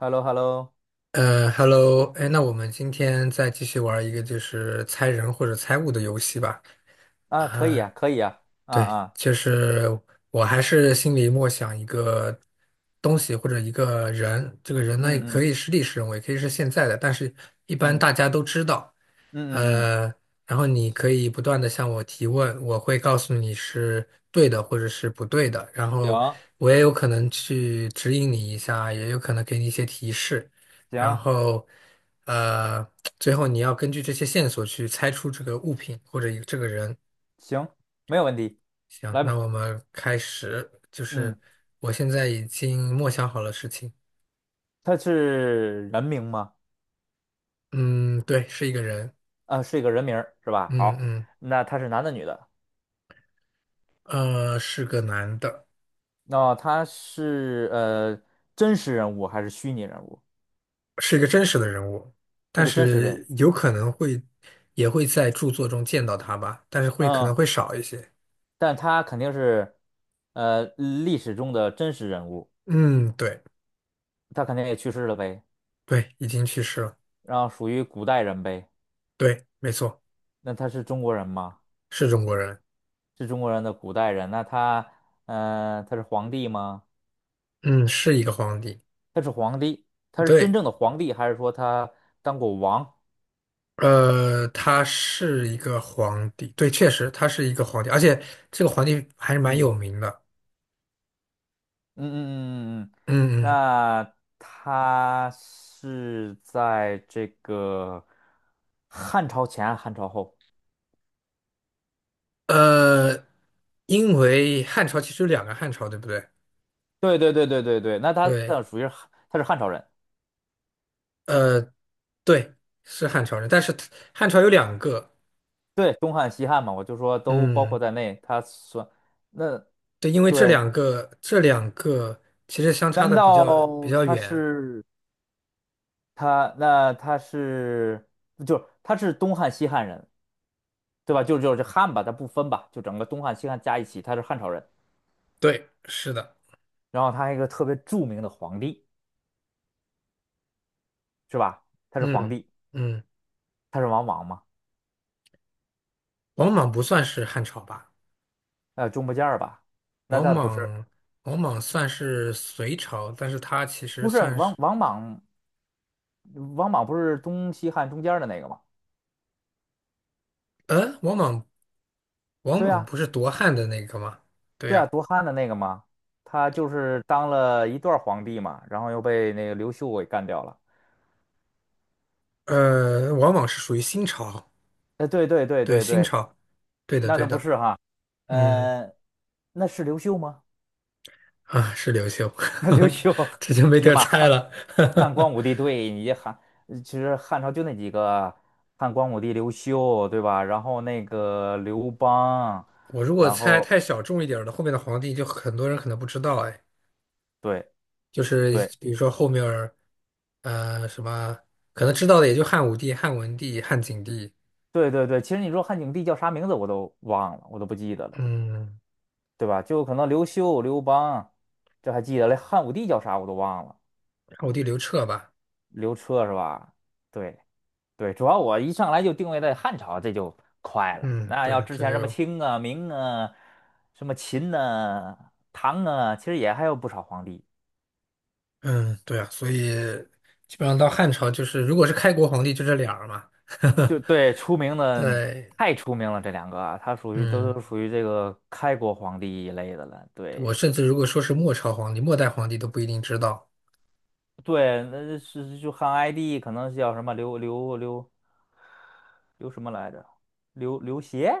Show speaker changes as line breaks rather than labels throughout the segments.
h e l l o h e l l o
Hello，哎，那我们今天再继续玩一个就是猜人或者猜物的游戏吧。
啊，可以
啊，
啊，可以啊，啊
对，
啊，
就是我还是心里默想一个东西或者一个人，这个人呢也
嗯
可
嗯
以是历史人物，也可以是现在的，但是一般
嗯
大家都知道。
嗯嗯嗯，
呃，然后你可以不断的向我提问，我会告诉你是对的或者是不对的，然后
行
我也有可能去指引你一下，也有可能给你一些提示，然
行
后呃，最后你要根据这些线索去猜出这个物品或者一这个人。
行，没有问题，
行，
来
那
吧，
我们开始，就
嗯，
是我现在已经默想好了事情。
他是人名吗？
嗯，对，是一个人。
啊，是一个人名儿是吧？
嗯
好，
嗯，
那他是男的女的？
是个男的，
他是真实人物还是虚拟人物？
是一个真实的人物，
是
但
个真实人物，
是有可能会也会在著作中见到他吧，但是会可能
嗯，
会少一些。
但他肯定是历史中的真实人物，
嗯，对
他肯定也去世了呗，
对，已经去世了。
然后属于古代人呗，
对，没错，
那他是中国人吗？
是中国人。
是中国人的古代人，他是皇帝吗？
嗯，是一个皇帝。
他是皇帝，他是真
对。
正的皇帝，还是说他当过王？
呃，他是一个皇帝，对，确实他是一个皇帝，而且这个皇帝还是蛮
嗯
有名的。
嗯嗯嗯嗯嗯。
嗯
那他是在这个汉朝前，汉朝后？
嗯，呃，因为汉朝其实有两个汉朝，对不对？
对对对对对对，那他
对，
属于是汉他是汉朝人，
呃，对，是汉朝人，但是他汉朝有两个，
对，东汉、西汉嘛，我就说都包
嗯，
括在内，他算那
对，因为这
对，
两个这两个其实相差
难
的比
道
较比较
他
远。
是？他那他是就是他是东汉西汉人，对吧？就是这汉吧，他不分吧，就整个东汉西汉加一起，他是汉朝人。
对，是的，
然后他还有一个特别著名的皇帝，是吧？他是皇
嗯
帝，
嗯，
他是王莽嘛？
王莽不算是汉朝吧？
中不间儿吧？那
王
他不是，
莽，王莽算是隋朝，但是他其实
不是
算
王
是，
王莽，王莽不是东西汉中间儿的那个吗？
呃，王莽，王
对
莽
呀、
不是夺汉的那个吗？对
对呀、
呀，
夺汉的那个吗？他就是当了一段儿皇帝嘛，然后又被那个刘秀给干掉了。
王莽是属于新朝，
哎，对对对
对，
对
新
对，
朝，对的，
那
对
都不
的，
是哈，
嗯，
呃，那是刘秀吗？
啊，是刘秀，
那刘 秀，
这就没
这叫
得
嘛
猜
汉
了。
汉光 武帝，对，你这汉，其实汉朝就那几个，汉光武帝刘秀，对吧？然后那个刘邦，
我如果
然
猜
后
太小众一点儿的，后面的皇帝就很多人可能不知道，哎，
对
就是
对
比如说后面儿呃，什么可能知道的也就汉武帝、汉文帝、汉景帝，
对对对，其实你说汉景帝叫啥名字我都忘了，我都不记得了，
嗯。
对吧？就可能刘秀、刘邦，这还记得嘞，汉武帝叫啥我都忘了，
我地刘彻吧，
刘彻是吧？对。对，主要我一上来就定位在汉朝，这就快了。
嗯，
那要
对，
之
这
前什么
就，
清啊、明啊、什么秦呐、唐啊，其实也还有不少皇帝。
嗯，对啊，所以基本上到汉朝就是，如果是开国皇帝就这俩儿嘛，
就 对，出名的
对，
太出名了，这两个啊他属于都
嗯，
是属于这个开国皇帝一类的了。
我
对
甚至如果说是末朝皇帝、末代皇帝都不一定知道，
对，那是就汉哀帝，可能叫什么刘什么来着？刘刘协，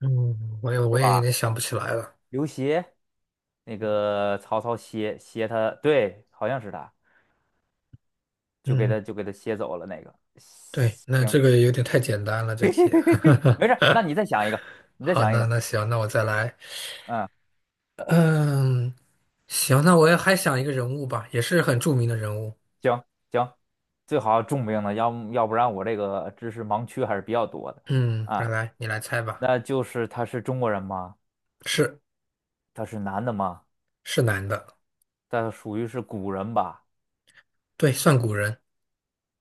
嗯，我也有点想不起来了，
刘协，那个曹操协他，对，好像是他。就给
嗯，
他就给他歇走了那个。
对，那这
行，
个有点太简单了，这题，
没事儿，那你再想一个，你再
好，
想一
那
个，
那行，那我再来，
嗯，
嗯，行，那我也还想一个人物吧，也是很著名的人物，
行行，最好重病的，要不然我这个知识盲区还是比较多的
嗯，来
啊。
来，你来猜吧，
那就是他是中国人吗？
是。
他是男的吗？
是男的，
他属于是古人吧？
对，算古人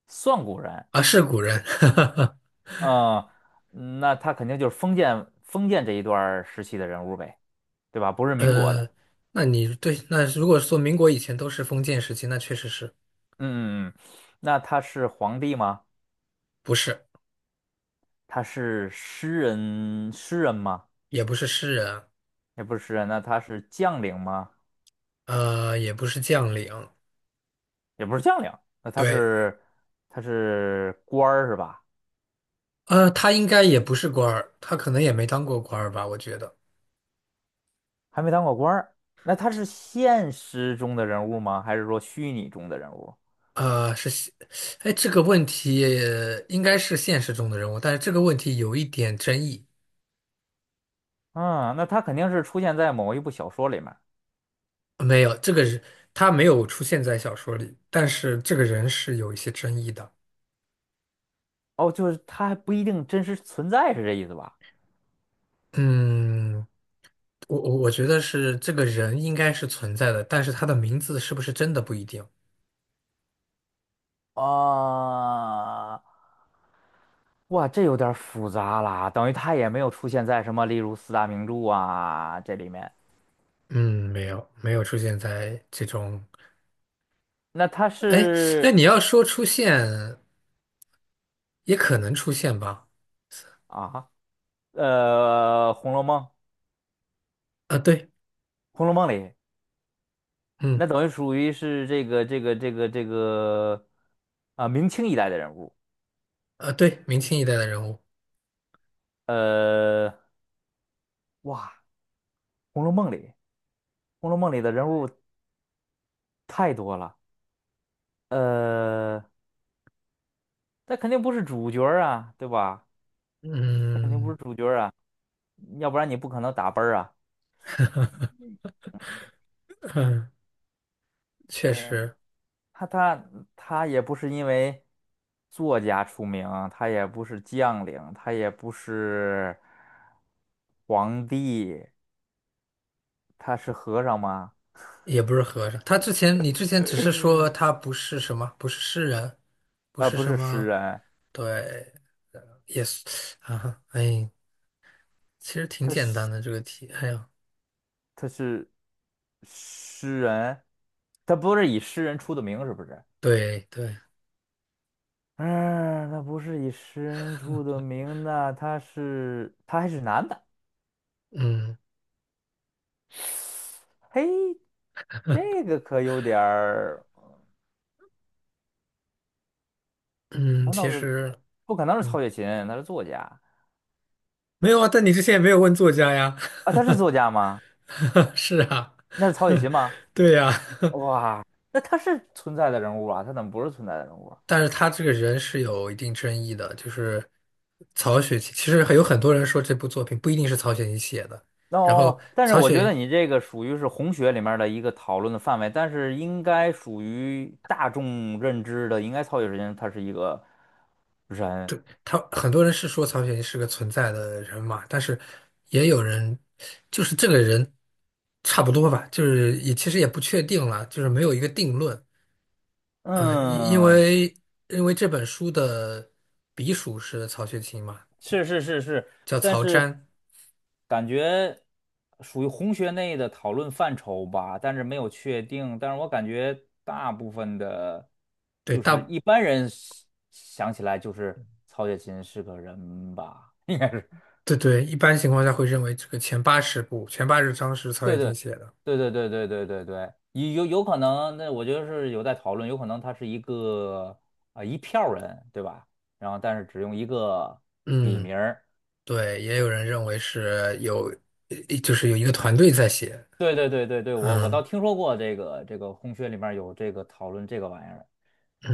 算古人，
啊，是古人。
嗯，那他肯定就是封建这一段儿时期的人物呗，对吧？不是民国
呃，
的，
那你对，那如果说民国以前都是封建时期，那确实是
嗯嗯嗯，那他是皇帝吗？
不是，
他是诗人，诗人吗？
也不是诗人，
也不是诗人，那他是将领吗？
也不是将领，
也不是将领，那他
对，
是他是官儿是吧？
他应该也不是官儿，他可能也没当过官儿吧，我觉得，
还没当过官儿，那他是现实中的人物吗？还是说虚拟中的人物？
呃，是现，哎，这个问题应该是现实中的人物，但是这个问题有一点争议，
嗯，那他肯定是出现在某一部小说里面。
没有，这个人他没有出现在小说里，但是这个人是有一些争议的，
哦，就是他还不一定真实存在，是这意思吧？
嗯。我觉得是这个人应该是存在的，但是他的名字是不是真的不一定。
啊，哇，这有点儿复杂啦，等于他也没有出现在什么，例如四大名著啊这里面。
嗯，没有没有出现在这种，
那他
哎哎，
是
你要说出现，也可能出现吧。
啊，呃，《红楼梦》，
啊，对，
《红楼梦》，《里，
嗯，
那等于属于是这个啊，明清一代的人物。
啊，对，明清一代的人物，
呃，哇，《红楼梦》里，《红楼梦》里的人物太多了。呃，他肯定不是主角儿啊，对吧？肯定不
嗯
是主角儿啊，要不然你不可能打奔儿啊。
嗯，确
呃，
实
他他他也不是因为作家出名，他也不是将领，他也不是皇帝。他是和尚吗？
也不是和尚。他之前你之前只是说他不是什么，不是诗人，不是
不
什
是诗
么，
人，
对，也是啊，哎，其实挺
他
简单
是
的这个题，哎呀，
他是诗人，他不是以诗人出的名，是不是？
对对。
嗯，他不是以诗人出的名那他是他还是男的，
嗯。
嘿，这个可有点儿，
嗯，
难道
其
是
实，
不可能是
嗯，
曹雪芹？他是作家
没有啊，但你之前也没有问作家呀，
啊，他是作家吗？
是啊，
那是曹雪芹吗？
对呀，
哇，那他是存在的人物啊，他怎么不是存在的人物啊？
但是他这个人是有一定争议的，就是曹雪芹，其实很有很多人说这部作品不一定是曹雪芹写的，
哦，
然后
哦但是
曹
我觉
雪，
得你这个属于是红学里面儿的一个讨论的范围，但是应该属于大众认知的，应该曹雪芹他是一个人，
对，他很多人是说曹雪芹是个存在的人嘛，但是也有人就是这个人差不多吧，就是也其实也不确定了，就是没有一个定论。嗯，因因
嗯，
为因为这本书的笔属是曹雪芹嘛，
是是是是，
叫
但
曹
是
詹。
感觉属于红学内的讨论范畴吧，但是没有确定，但是我感觉大部分的，
对，
就是
大
一般人想起来就是曹雪芹是个人吧，应该是。
对对，一般情况下会认为这个前80部、前80章是曹
对
雪芹
对
写的。
对对对对对对对，有可能，那我觉得是有在讨论，有可能他是一个一票人，对吧？然后但是只用一个笔
嗯，
名儿。
对，也有人认为是有，就是有一个团队在写。
对对对对对，我倒
嗯
听说过这个红学里面有这个讨论这个玩意儿。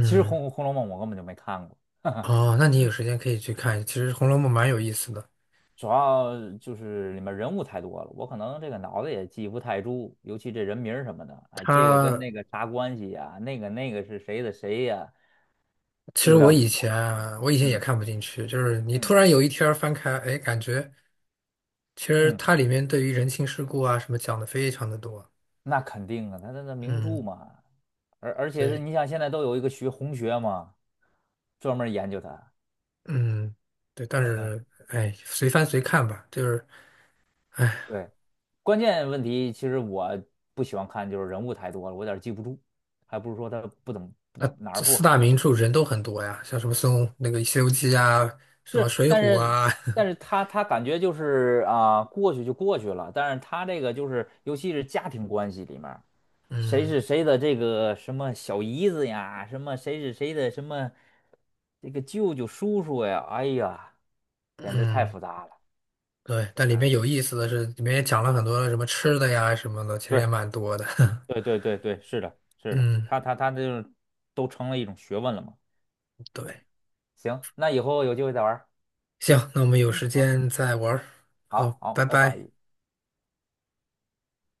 其实《红楼梦》我根本就没看过，
哦，那你有时间可以去看，其实《红楼梦》蛮有意思的。
主要就是里面人物太多了，我可能这个脑子也记不太住，尤其这人名儿什么的，哎，这个跟
它
那个啥关系呀、那个是谁的谁呀、
其实
有点
我
儿
以
复杂。
前啊我以前也
嗯
看不进去，就是你突
嗯
然有一天儿翻开，哎，感觉。其实
嗯。
它里面对于人情世故啊什么讲的非常的多，
那肯定啊，它那名著
嗯，
嘛，而且是
对，
你想现在都有一个学红学嘛，专门研究它
嗯，对，但是 哎，随翻随看吧，就是哎，
对，关键问题其实我不喜欢看，就是人物太多了，我有点记不住，还不是说他不怎么不
那
哪儿
这
不
四大
好，
名
就
著人都很多呀，像什么孙悟那个《西游记》啊，什么
是
《水浒》
但是
啊，
但 是他他感觉就是啊、过去就过去了，但是他这个就是尤其是家庭关系里面。谁
嗯
是谁的这个什么小姨子呀，什么谁是谁的什么这个舅舅叔叔呀，哎呀，简直太
嗯，
复杂了。
对，但里面
对，
有意思的是，里面也讲了很多什么吃的呀什么的，其实也
对
蛮多的，
对对对对，是的，是的，
嗯，
他就是都成了一种学问了嘛。
对，
对，行，那以后有机会再玩儿，
行，那我们有
嗯，
时
好，
间再玩儿，
好，
好，拜
好，拜
拜。
拜。